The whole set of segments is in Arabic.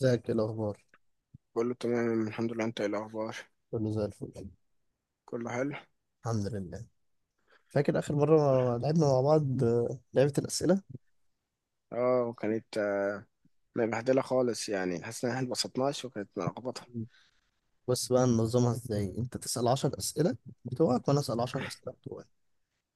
ازيك؟ ايه الاخبار؟ كله تمام الحمد لله، انت ايه الاخبار؟ كله زي الفل. كله حلو. الحمد لله. فاكر اخر مره لعبنا مع بعض لعبه الاسئله. اه وكانت مبهدله خالص، يعني حاسس ان احنا اتبسطناش وكانت ملخبطه. مم. بس بقى ننظمها ازاي؟ انت تسال 10 اسئله بتوعك وانا اسال 10 اسئله بتوعي،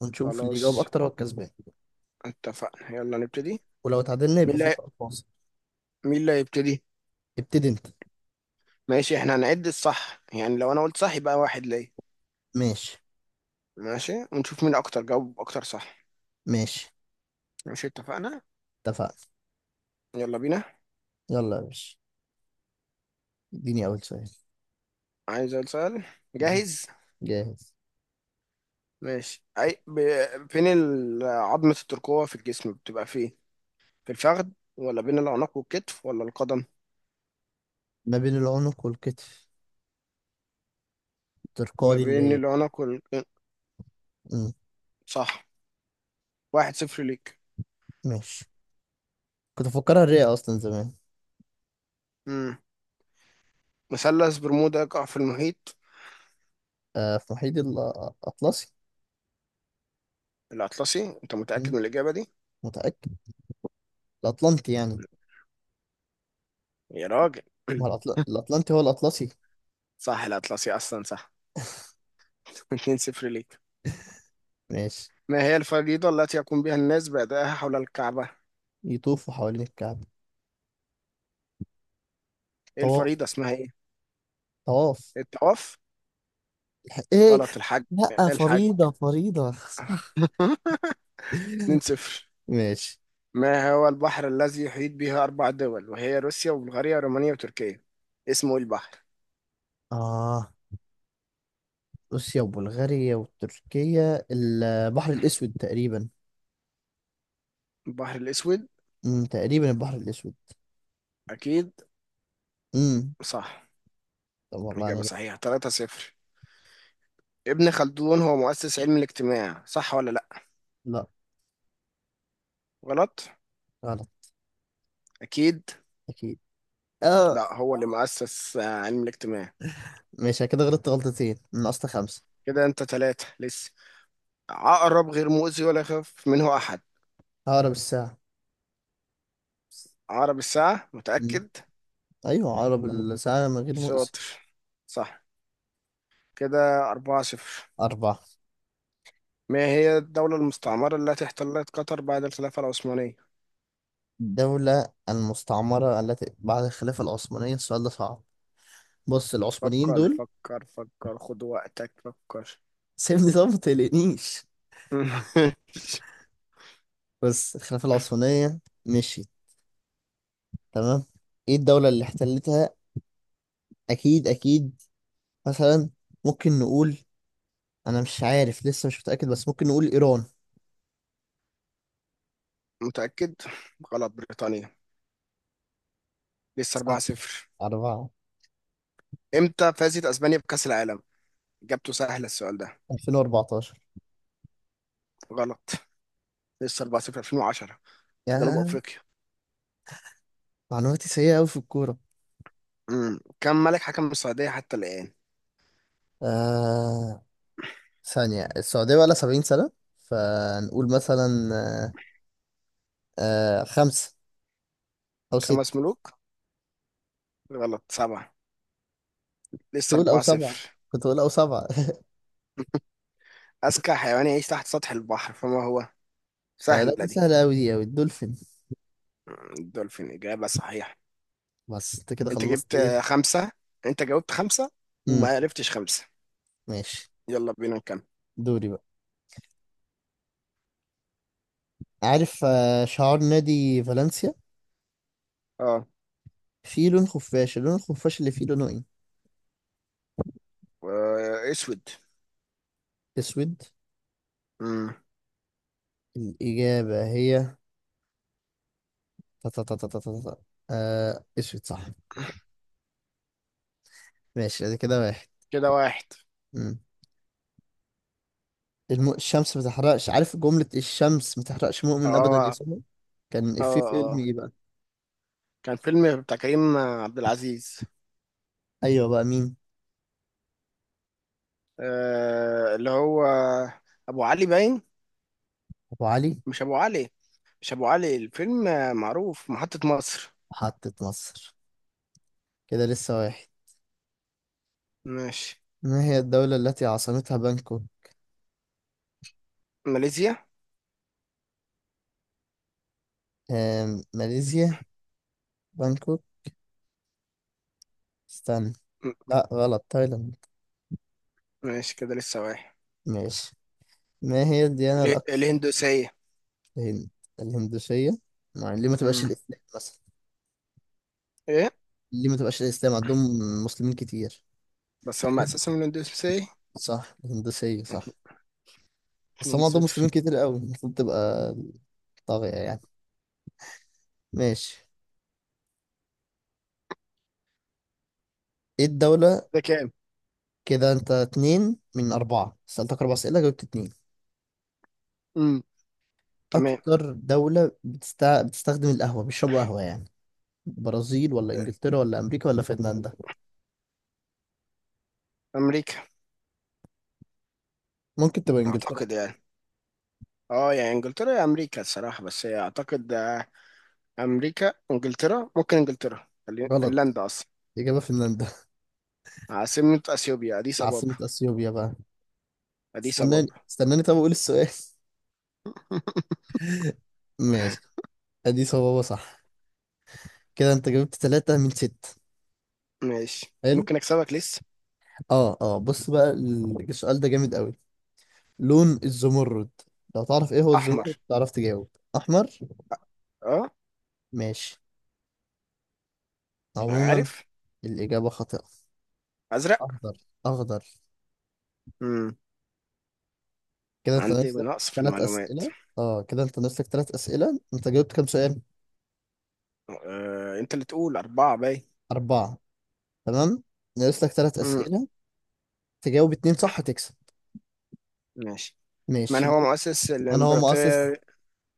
ونشوف اللي يجاوب خلاص، اكتر هو الكسبان. اتفقنا، يلا نبتدي. ولو اتعادلنا مين يبقى اللي في هي- سؤال فاصل. مين اللي هيبتدي؟ ابتدي انت. ماشي، احنا هنعد الصح، يعني لو انا قلت صح يبقى واحد ليا. ماشي. ماشي، ونشوف مين اكتر جاوب اكتر صح. ماشي، ماشي، اتفقنا. اتفقنا. يلا بينا. يلا يا باشا، اديني اول سؤال. عايز أقول سؤال. مم. جاهز. جاهز. ماشي. فين عظمة الترقوة في الجسم بتبقى فين؟ في الفخذ، ولا بين العنق والكتف، ولا القدم؟ ما بين العنق والكتف، ما ترقادي اللي بين هي دي. العنق وال. مم. صح. 1-0 ليك. ماشي، كنت افكرها الرئه اصلا زمان. مم. مثلث برمودا يقع في المحيط. في محيط الاطلسي. الأطلسي؟ أنت متأكد مم. من الإجابة دي؟ متاكد، الأطلنطي يعني. يا راجل! ما هو الأطلنطي هو الأطلسي. صح، الأطلسي أصلا، صح. 2-0 ليك. ماشي. ما هي الفريضة التي يقوم بها الناس بأدائها حول الكعبة؟ يطوفوا حوالين الكعبة. إيه طواف. الفريضة اسمها إيه؟ طواف. الطواف؟ إيه. غلط، الحج. لأ، الحج. فريضة فريضة. اتنين صفر ماشي. ما هو البحر الذي يحيط به أربع دول وهي روسيا وبلغاريا ورومانيا وتركيا؟ اسمه إيه البحر؟ آه روسيا وبلغاريا وتركيا، البحر الأسود تقريبا. البحر الأسود؟ تقريبا البحر الأسود. أكيد. امم. صح. طب والله أنا إجابة جاي. صحيحة. 3-0. ابن خلدون هو مؤسس علم الاجتماع، صح ولا لأ؟ لا. غلط؟ غلط. أكيد. أكيد. آه. لأ، هو اللي مؤسس علم الاجتماع. ماشي، أنا كده غلطت غلطتين من أصل خمسة. كده أنت 3 لسه. عقرب غير مؤذي ولا يخاف منه أحد؟ عقرب الساعة. عقرب الساعة؟ امم. متأكد؟ أيوه، عقرب الساعة من غير مؤذي. شاطر. صح. كده 4-0. أربعة. ما هي الدولة المستعمرة التي احتلت قطر بعد الخلافة العثمانية؟ الدولة المستعمرة التي بعد الخلافة العثمانية، السؤال ده صعب. بص، العثمانيين فكر، دول. فكر، فكر، خد وقتك، فكر. سيبني، طب ما تقلقنيش. بس الخلافة العثمانية مشيت. تمام. ايه الدولة اللي احتلتها؟ اكيد اكيد. مثلا ممكن نقول، انا مش عارف لسه مش متأكد، بس ممكن نقول ايران. متأكد؟ غلط، بريطانيا. لسه صح. 4-0. أربعة. امتى فازت اسبانيا بكأس العالم؟ اجابته سهله السؤال ده. 2014. غلط. لسه 4-0. 2010 في جنوب يا، افريقيا. معلوماتي سيئة أوي في الكورة. كم ملك حكم السعوديه حتى الان؟ آه ثانية، السعودية بقى لها 70 سنة، فنقول مثلا، آه خمسة أو خمس ستة. ملوك غلط، 7. لسه تقول او سبعة، 4-0. كنت اقول او سبعة. اذكى حيوان يعيش تحت سطح البحر فما هو؟ لا سهله دي دي. سهلة اوي، دي اوي الدولفين. الدولفين، اجابه صحيحه. بس انت كده انت خلصت جبت ايه؟ 5. انت جاوبت 5. امم. وما عرفتش 5. ماشي. يلا بينا نكمل. دوري بقى. عارف شعار نادي فالنسيا اه. فيه لون خفاش، اللون الخفاش اللي فيه لونه ايه؟ اسود. اسود. امم. الاجابة هي تا تا تا تا تا تا تا. آه، اسود صح. ماشي، ادي كده واحد. كده واحد. امم. الشمس ما تحرقش، عارف جملة الشمس ما تحرقش مؤمن ابدا يا اه، صبحي؟ كان افيه اه، في فيلم اه، ايه بقى؟ كان فيلم بتاع كريم عبد العزيز. ايوه، بقى مين؟ اللي هو ابو علي باين. ابو علي. مش ابو علي. مش ابو علي، الفيلم معروف، محطة مصر. محطة مصر. كده لسه واحد. ماشي. ما هي الدولة التي عاصمتها بانكوك؟ ماليزيا. آم، ماليزيا. بانكوك، استنى. م- لا غلط، تايلاند. ماشي، كده لسه واحد. ماشي. ما هي الديانة الأكثر؟ الهندوسية. الهند. الهندوسية. ما ليه ما تبقاش مم. الإسلام مثلا؟ ايه. ليه ما تبقاش الإسلام عندهم؟ مسلمين كتير. بس هم حلو. اساسا من الهندوسية. صح، الهندوسية صح. بس 2 هم عندهم مسلمين 0 كتير قوي، المفروض تبقى طاغية يعني. ماشي. ايه الدولة؟ ده كام؟ كده انت اتنين من أربعة، سألتك أربع أسئلة جاوبت اتنين. مم. تمام. أكتر دولة بتستخدم القهوة، بيشربوا قهوة يعني، برازيل ولا انجلترا ولا امريكا ولا فنلندا؟ امريكا. ممكن تبقى انجلترا. اعتقد يعني. اه، يعني انجلترا يا امريكا الصراحة، بس هي اعتقد امريكا، انجلترا، ممكن انجلترا، غلط، فنلندا اصلا. اجابه فنلندا. عاصمة اثيوبيا اديس ابابا. عاصمه اثيوبيا بقى، اديس استناني ابابا. استناني، طب اقول السؤال. ماشي. ادي صوابه صح. كده انت جبت ثلاثة من ستة. ماشي، حلو. ممكن اكسبك لسه. اه اه، بص بقى السؤال ده جامد قوي. لون الزمرد، لو تعرف ايه هو احمر. الزمرد تعرف تجاوب. احمر. اه. ماشي. عموما عارف. الاجابه خاطئه. ازرق. اخضر. اخضر. امم. كده انت عندي ناقص لك نقص في ثلاث المعلومات. اسئله. اه، كده انت ناقص لك ثلاث اسئله، انت جاوبت كام سؤال؟ انت اللي تقول 4، باي. اربعه. تمام. ناقص لك ثلاث امم. أسئلة، تجاوب اتنين صح تكسب. ماشي. من ماشي. من، هو مؤسس من هو مؤسس، الامبراطور.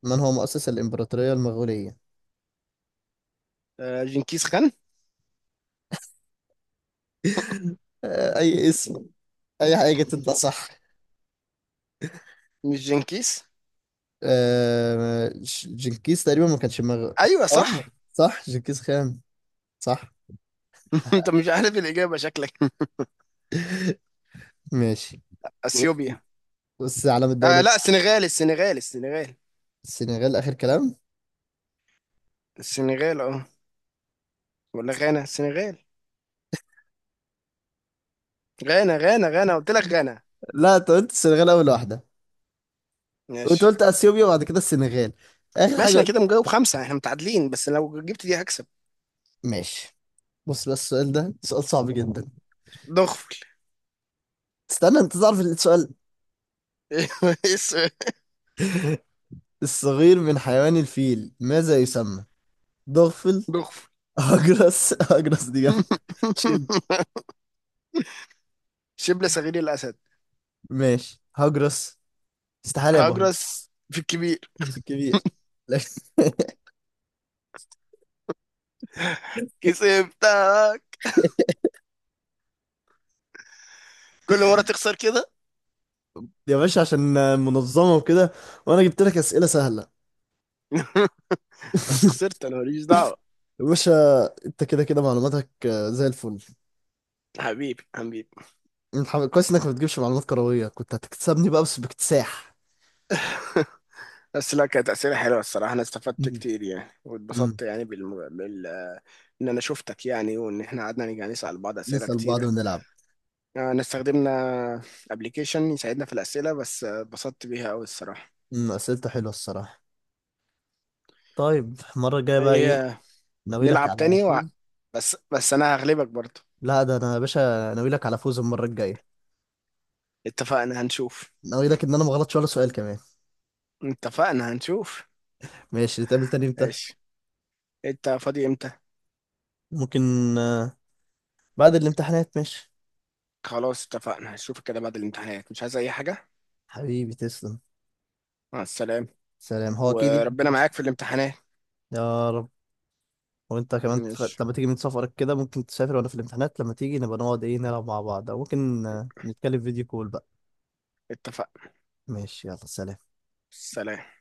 من هو مؤسس الإمبراطورية المغولية؟ جنكيز خان. أي اسم، أي حاجة تطلع صح. مش جنكيز. جنكيز تقريبا، ما كانش ايوه اه، صح. صح جنكيز خان، صح. انت مش عارف الاجابة شكلك. ماشي. بص، اثيوبيا. بص علم الدولة. لا، السنغال، السنغال، السنغال. السنغال آخر كلام. السنغال، اه. ولا غانا، السنغال. غانا، غانا، غانا، قلت لك غانا. لا، أنت قلت السنغال أول واحدة، وأنت ماشي. قلت أثيوبيا وبعد كده السنغال. آخر حاجة ماشي، انا قلت. كده مجاوب 5، احنا متعادلين، بس لو جبت دي هكسب. ماشي. بص، بس السؤال ده سؤال صعب جدا. دغفل. استنى، انت تعرف السؤال؟ إيه السؤال؟ الصغير من حيوان الفيل ماذا يسمى؟ ضغفل. دغفل. هجرس. هجرس دي جامدة. شب. شبل صغير الاسد. ماشي، هجرس. استحالة يبقى هجرس. هجرس في الكبير. في الكبير؟ لا. كسبتك. كل مرة تخسر كده. يا باشا، عشان منظمة وكده، وأنا جبت لك أسئلة سهلة. بس خسرت، انا ماليش دعوة. يا باشا، أنت كده كده معلوماتك زي الفل. حبيبي، حبيبي. أنت كويس إنك ما بتجيبش معلومات كروية، كنت هتكسبني بقى بس باكتساح. بس لا، كانت أسئلة حلوة الصراحة، أنا استفدت مم. كتير يعني، مم. واتبسطت يعني إن أنا شفتك يعني، وإن إحنا قعدنا نيجي نسأل بعض أسئلة نسأل بعض كتيرة. ونلعب. أنا استخدمنا أبلكيشن يساعدنا في الأسئلة، بس اتبسطت بيها أوي الصراحة. مم، أسئلته حلوة الصراحة. طيب المرة الجاية بقى إيه؟ هي ناوي لك نلعب على تاني و... فوز. بس انا هغلبك برضو. لا ده انا يا باشا، ناوي لك على فوز المره الجايه. اتفقنا، هنشوف. ناوي لك ان انا ما غلطش ولا سؤال كمان. اتفقنا، هنشوف. ماشي. نتقابل تاني امتى؟ ماشي. انت فاضي امتى؟ ممكن آه، بعد الامتحانات، ماشي. خلاص، اتفقنا، هشوفك كده بعد الامتحانات، مش عايز اي حاجة. حبيبي تسلم. مع السلامة. سلام، هو اكيد يعني وربنا بس. معاك في الامتحانات. يا رب. وانت كمان ماشي، لما تيجي من سفرك كده، ممكن تسافر وانا في الامتحانات، لما تيجي نبقى نقعد ايه، نلعب مع بعض او ممكن نتكلم فيديو كول بقى. اتفقنا. ماشي. يلا سلام. سلام.